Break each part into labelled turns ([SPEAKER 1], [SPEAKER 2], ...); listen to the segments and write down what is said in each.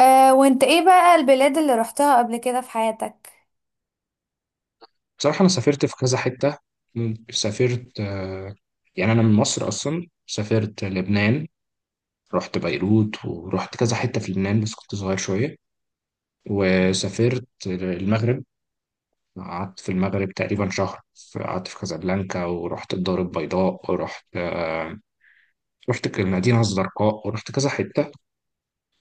[SPEAKER 1] آه، وانت ايه بقى البلاد اللي رحتها قبل كده في حياتك؟
[SPEAKER 2] بصراحة أنا سافرت في كذا حتة. سافرت يعني أنا من مصر أصلا. سافرت لبنان، رحت بيروت ورحت كذا حتة في لبنان بس كنت صغير شوية. وسافرت المغرب، قعدت في المغرب تقريبا شهر. قعدت في كازابلانكا ورحت الدار البيضاء ورحت رحت المدينة الزرقاء ورحت كذا حتة.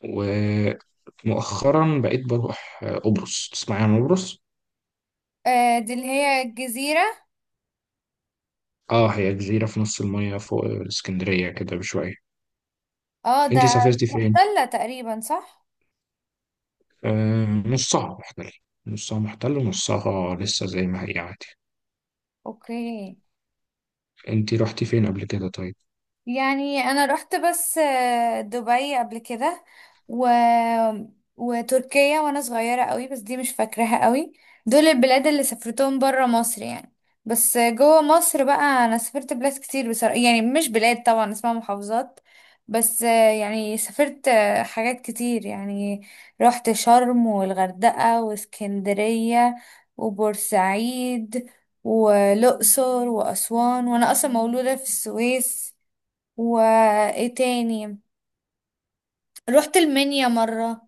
[SPEAKER 2] ومؤخرا بقيت بروح قبرص. تسمعي عن قبرص؟
[SPEAKER 1] آه، دي اللي هي الجزيرة.
[SPEAKER 2] اه، هي جزيرة في نص المية فوق اسكندرية كده بشوية.
[SPEAKER 1] اه
[SPEAKER 2] انتي
[SPEAKER 1] ده
[SPEAKER 2] سافرتي فين؟
[SPEAKER 1] تلة تقريبا، صح.
[SPEAKER 2] نصها محتل، نصها محتل ونصها لسه زي ما هي عادي.
[SPEAKER 1] اوكي.
[SPEAKER 2] انتي رحتي فين قبل كده طيب؟
[SPEAKER 1] يعني انا رحت بس دبي قبل كده و... وتركيا وانا صغيرة قوي، بس دي مش فاكراها قوي. دول البلاد اللي سافرتهم برا مصر يعني. بس جوه مصر بقى انا سافرت بلاد كتير بصراحة، يعني مش بلاد طبعا، اسمها محافظات. بس يعني سافرت حاجات كتير يعني. رحت شرم والغردقة واسكندرية وبورسعيد والأقصر وأسوان، وأنا أصلا مولودة في السويس. وايه تاني، رحت المنيا مرة،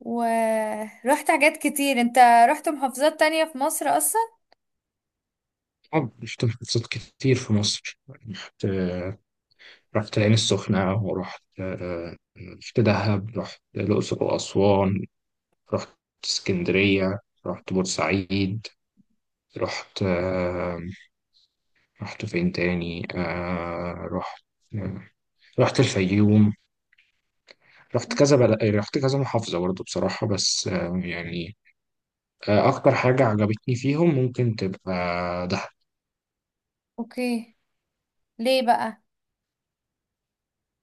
[SPEAKER 1] ورحت حاجات كتير. انت رحت محافظات تانية في مصر اصلا؟
[SPEAKER 2] اه، رحت محافظات كتير في مصر. رحت رحت العين السخنة ورحت رحت دهب، رحت الأقصر وأسوان، رحت اسكندرية، رحت بورسعيد، رحت رحت فين تاني؟ آه، رحت الفيوم. رحت كذا محافظة برضه بصراحة، بس أكتر حاجة عجبتني فيهم ممكن تبقى دهب.
[SPEAKER 1] اوكي. ليه بقى؟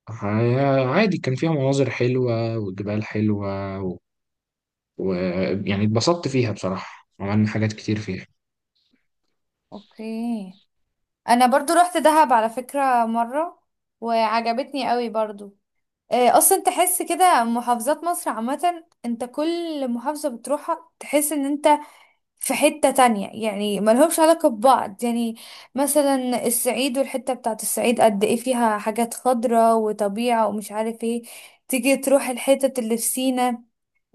[SPEAKER 2] عادي، كان فيها مناظر حلوة وجبال حلوة. ويعني يعني اتبسطت فيها بصراحة، عملنا حاجات كتير فيها.
[SPEAKER 1] اوكي. انا برضو رحت دهب على فكرة مرة، وعجبتني قوي برضو. آه، اصلا تحس كده محافظات مصر عامة، انت كل محافظة بتروحها تحس ان انت في حتة تانية يعني، ملهمش علاقة ببعض يعني. مثلا الصعيد والحتة بتاعت الصعيد قد ايه فيها حاجات خضرة وطبيعة ومش عارف ايه. تيجي تروح الحتة اللي في سينا،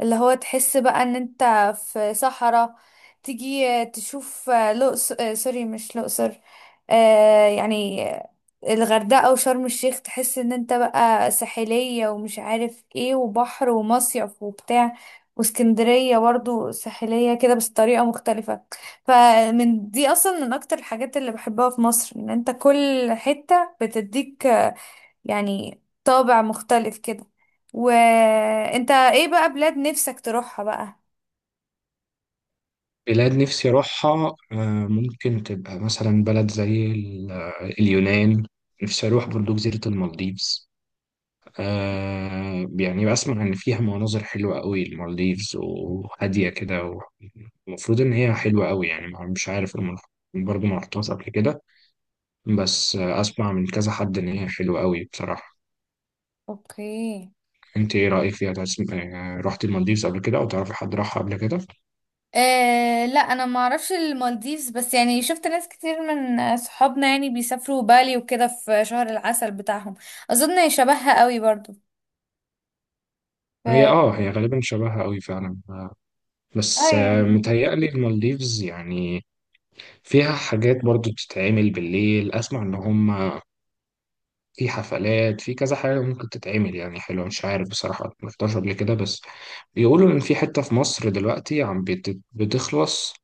[SPEAKER 1] اللي هو تحس بقى ان انت في صحراء. تيجي تشوف لقص آه، سوري مش الأقصر، آه يعني الغردقة وشرم الشيخ، تحس ان انت بقى ساحلية ومش عارف ايه، وبحر ومصيف وبتاع. واسكندرية برضو ساحلية كده بس طريقة مختلفة. فمن دي اصلا من اكتر الحاجات اللي بحبها في مصر، ان انت كل حتة بتديك يعني طابع مختلف كده. وانت ايه بقى بلاد نفسك تروحها بقى؟
[SPEAKER 2] بلاد نفسي أروحها، ممكن تبقى مثلا بلد اليونان. نفسي أروح برضو جزيرة المالديفز. يعني بسمع إن فيها مناظر حلوة قوي المالديفز، وهادية كده المفروض إن هي حلوة قوي. يعني مش عارف، أنا ما- برضو ما رحتهاش قبل كده، بس اسمع من كذا حد ان هي حلوه قوي بصراحه.
[SPEAKER 1] اوكي.
[SPEAKER 2] انت ايه رايك فيها؟ تسم... آه، رحت المالديفز قبل كده او تعرفي حد راحها قبل كده؟
[SPEAKER 1] آه لا، انا ما اعرفش المالديفز، بس يعني شفت ناس كتير من صحابنا يعني بيسافروا بالي وكده في شهر العسل بتاعهم. اظن شبهها قوي برضو. ف
[SPEAKER 2] هي اه، هي غالبا شبهها قوي فعلا، بس
[SPEAKER 1] اه.
[SPEAKER 2] متهيألي المالديفز يعني فيها حاجات برضو بتتعمل بالليل. اسمع ان هم في حفلات، في كذا حاجه ممكن تتعمل يعني حلوه. مش عارف بصراحه، ما رحتهاش قبل كده، بس بيقولوا ان في حته في مصر دلوقتي بتخلص،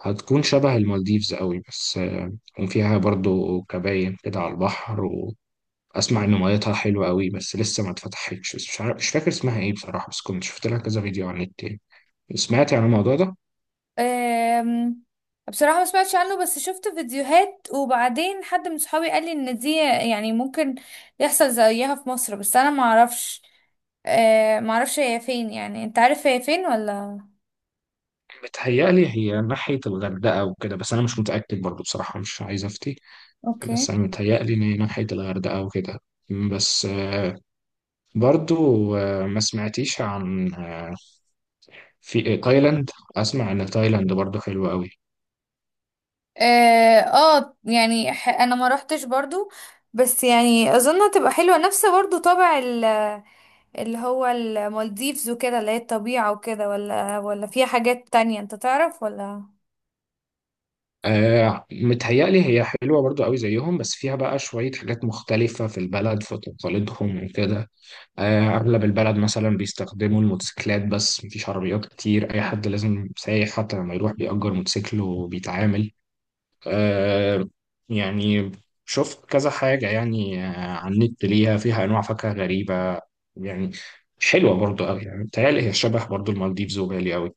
[SPEAKER 2] هتكون شبه المالديفز قوي. بس آه، وفيها برضو كباين كده على البحر. اسمع ان ميتها حلوه قوي بس لسه ما اتفتحتش، بس مش عارف، مش فاكر اسمها ايه بصراحه، بس كنت شفت لها كذا فيديو على النت يعني. سمعت عن الموضوع ده؟
[SPEAKER 1] أم، بصراحة ما سمعتش عنه، بس شفت فيديوهات، وبعدين حد من صحابي قال لي ان دي يعني ممكن يحصل زيها في مصر، بس انا ما اعرفش. ما اعرفش هي فين، يعني انت عارف هي فين ولا؟
[SPEAKER 2] بتهيألي هي ناحيه الغردقه وكده، بس انا مش متاكد برضو بصراحه، مش عايز افتي.
[SPEAKER 1] اوكي.
[SPEAKER 2] بس انا متهيألي ان هي ناحيه الغردقه وكده. بس آه، برضو آه، ما سمعتيش عن في تايلاند؟ اسمع ان تايلاند برضو حلوه قوي.
[SPEAKER 1] اه. انا ما روحتش برضو، بس يعني اظن هتبقى حلوة، نفس برضو طابع اللي هو المالديفز وكده، اللي هي الطبيعة وكده، ولا ولا فيها حاجات تانية انت تعرف، ولا؟
[SPEAKER 2] آه، متهيألي هي حلوة برضو قوي زيهم، بس فيها بقى شوية حاجات مختلفة في البلد، في تقاليدهم وكده. آه، أغلب البلد مثلا بيستخدموا الموتوسيكلات، بس مفيش عربيات كتير. أي حد لازم سايح حتى لما يروح بيأجر موتوسيكل وبيتعامل. آه، يعني شفت كذا حاجة يعني على النت ليها، فيها أنواع فاكهة غريبة يعني، حلوة برضو أوي. يعني بتهيألي هي شبه برضو المالديفز وبالي أوي.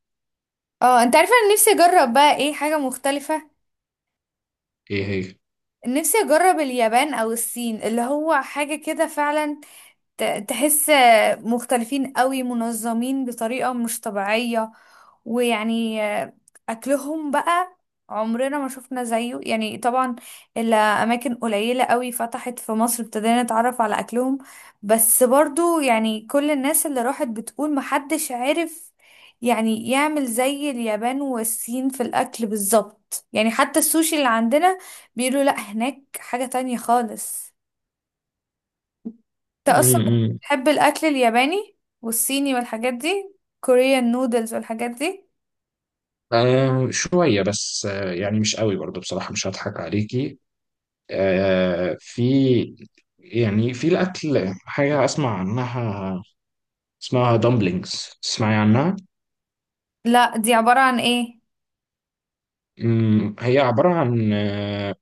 [SPEAKER 1] اه انت عارفة، انا نفسي اجرب بقى ايه حاجة مختلفة.
[SPEAKER 2] إيه هي؟
[SPEAKER 1] نفسي اجرب اليابان او الصين، اللي هو حاجة كده فعلا تحس مختلفين قوي، منظمين بطريقة مش طبيعية. ويعني أكلهم بقى عمرنا ما شفنا زيه يعني طبعا، إلا أماكن قليلة قوي فتحت في مصر ابتدينا نتعرف على أكلهم. بس برضو يعني كل الناس اللي راحت بتقول محدش عارف يعني يعمل زي اليابان والصين في الأكل بالظبط يعني، حتى السوشي اللي عندنا بيقولوا لأ، هناك حاجة تانية خالص.
[SPEAKER 2] م-
[SPEAKER 1] انت اصلا
[SPEAKER 2] م.
[SPEAKER 1] بتحب الاكل الياباني والصيني والحاجات دي، كوريان نودلز والحاجات دي؟
[SPEAKER 2] آه شوية، بس آه يعني مش قوي برضو بصراحة، مش هضحك عليكي. آه، في يعني في الأكل حاجة أسمع عنها اسمها dumplings، تسمعي عنها؟
[SPEAKER 1] لا، دي عبارة عن ايه؟
[SPEAKER 2] هي عبارة عن آه،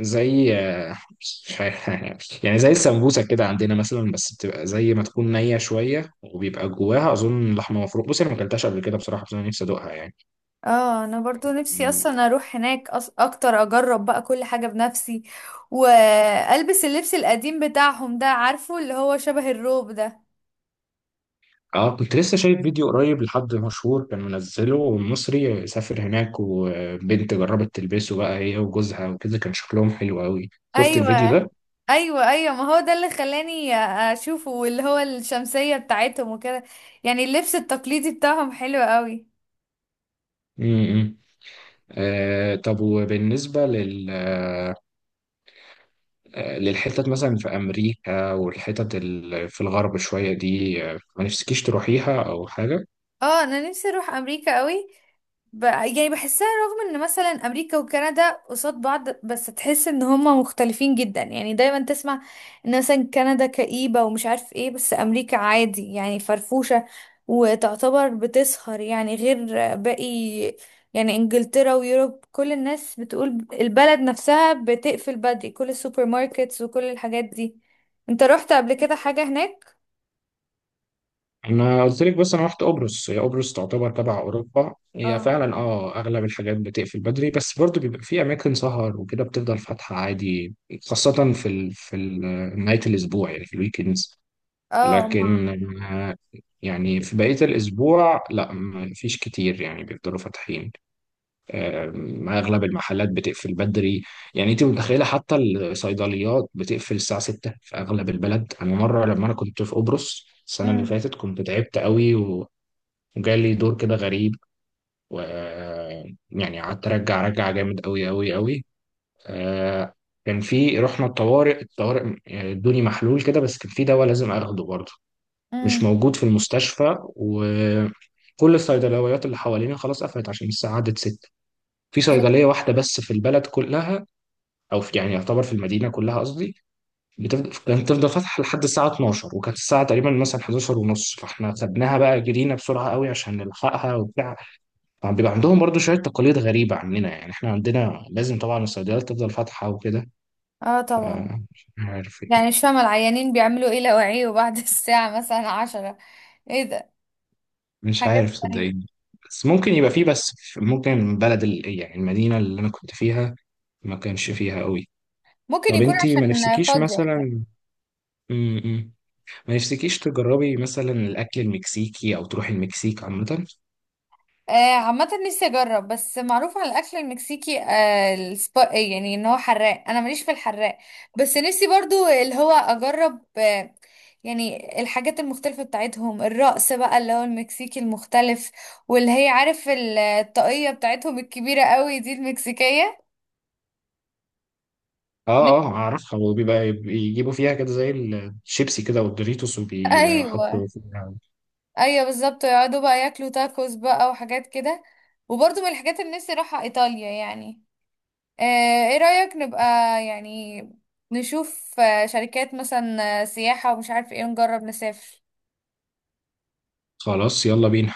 [SPEAKER 2] زي آه، مش عارف يعني زي السمبوسة كده عندنا مثلا، بس بتبقى زي ما تكون نية شوية، وبيبقى جواها أظن لحمة مفرومة. بصي أنا ما أكلتهاش قبل كده بصراحة، بس أنا نفسي أدوقها
[SPEAKER 1] اه انا برضو نفسي
[SPEAKER 2] يعني.
[SPEAKER 1] اصلا اروح هناك، اكتر اجرب بقى كل حاجة بنفسي، والبس اللبس القديم بتاعهم ده، عارفه اللي هو شبه الروب ده.
[SPEAKER 2] اه كنت لسه شايف فيديو قريب لحد مشهور كان منزله، مصري سافر هناك وبنت جربت تلبسه بقى هي وجوزها وكده، كان شكلهم حلو قوي. شفت الفيديو
[SPEAKER 1] ايوه،
[SPEAKER 2] ده؟
[SPEAKER 1] ايوه. ايوه، ما هو ده اللي خلاني اشوفه، واللي هو الشمسية بتاعتهم وكده. يعني اللبس التقليدي بتاعهم حلو قوي.
[SPEAKER 2] امم، آه طب وبالنسبة لل آه للحتت مثلا في أمريكا في الغرب شوية دي، ما نفسكيش تروحيها أو حاجة؟
[SPEAKER 1] اه انا نفسي اروح امريكا قوي. يعني بحسها رغم ان مثلا امريكا وكندا قصاد بعض، بس تحس ان هما مختلفين جدا يعني. دايما تسمع ان مثلا كندا كئيبة ومش عارف ايه، بس امريكا عادي يعني فرفوشة، وتعتبر بتسهر يعني، غير باقي يعني انجلترا ويوروب، كل الناس بتقول البلد نفسها بتقفل بدري، كل السوبر ماركتس وكل الحاجات دي. انت رحت قبل كده حاجة هناك؟
[SPEAKER 2] انا قلت لك بس انا رحت قبرص، هي قبرص تعتبر تبع اوروبا. هي
[SPEAKER 1] اه.
[SPEAKER 2] فعلا اه اغلب الحاجات بتقفل بدري، بس برضو بيبقى في اماكن سهر وكده بتفضل فاتحه عادي، خاصه في نهايه الاسبوع يعني في الويكندز.
[SPEAKER 1] اه. ما.
[SPEAKER 2] لكن آه، يعني في بقيه الاسبوع لا، ما فيش كتير يعني بيفضلوا فاتحين. اغلب المحلات بتقفل بدري. يعني انت متخيله حتى الصيدليات بتقفل الساعه 6 في اغلب البلد؟ انا مره لما انا كنت في قبرص السنه اللي
[SPEAKER 1] امم.
[SPEAKER 2] فاتت كنت تعبت قوي وجالي دور كده غريب، و يعني قعدت ارجع ارجع جامد قوي قوي قوي. آه، كان في، رحنا الطوارئ، يعني ادوني محلول كده، بس كان في دواء لازم اخده برضه
[SPEAKER 1] امم.
[SPEAKER 2] مش موجود في المستشفى، وكل الصيدليات اللي حوالينا خلاص قفلت عشان الساعه عدت 6. في صيدلية واحدة بس في البلد كلها، أو في يعني يعتبر في المدينة كلها قصدي، كانت تفضل فاتحة لحد الساعة 12، وكانت الساعة تقريبا مثلا 11 ونص، فاحنا خدناها بقى جرينا بسرعة قوي عشان نلحقها وبتاع. طبعاً بيبقى عندهم برضو شوية تقاليد غريبة عننا، يعني احنا عندنا لازم طبعا الصيدليات تفضل فاتحة وكده.
[SPEAKER 1] اه طبعا.
[SPEAKER 2] فمش عارف
[SPEAKER 1] يعني
[SPEAKER 2] يعني،
[SPEAKER 1] مش فاهمة العيانين بيعملوا ايه لو عيوا بعد الساعة مثلا عشرة. ايه ده،
[SPEAKER 2] مش
[SPEAKER 1] حاجات
[SPEAKER 2] عارف
[SPEAKER 1] غريبة.
[SPEAKER 2] صدقيني. بس ممكن يبقى فيه، ممكن يعني المدينة اللي أنا كنت فيها ما كانش فيها قوي.
[SPEAKER 1] ممكن
[SPEAKER 2] طب
[SPEAKER 1] يكون
[SPEAKER 2] انتي ما
[SPEAKER 1] عشان
[SPEAKER 2] نفسكيش
[SPEAKER 1] فاضي.
[SPEAKER 2] مثلا م- م. ما نفسكيش تجربي مثلا الاكل المكسيكي او تروحي المكسيك عامه؟
[SPEAKER 1] آه عامة نفسي اجرب، بس معروف عن الاكل المكسيكي آه السبا إيه يعني ان هو حراق، انا ماليش في الحراق. بس نفسي برضو اللي هو اجرب آه، يعني الحاجات المختلفة بتاعتهم، الرقص بقى اللي هو المكسيكي المختلف، واللي هي عارف الطاقية بتاعتهم الكبيرة قوي دي، المكسيكية.
[SPEAKER 2] اه
[SPEAKER 1] نفسي-
[SPEAKER 2] اه اعرفها، وبيبقى بيجيبوا فيها كده زي الشيبسي كده والدوريتوس وبيحطوا
[SPEAKER 1] ايوه،
[SPEAKER 2] فيها.
[SPEAKER 1] ايوه بالظبط، ويقعدوا بقى ياكلوا تاكوس بقى وحاجات كده. وبرضه من الحاجات اللي نفسي اروحها ايطاليا يعني. آه، ايه رأيك نبقى يعني نشوف شركات مثلا سياحة ومش عارف ايه، نجرب نسافر.
[SPEAKER 2] خلاص يلا بينا.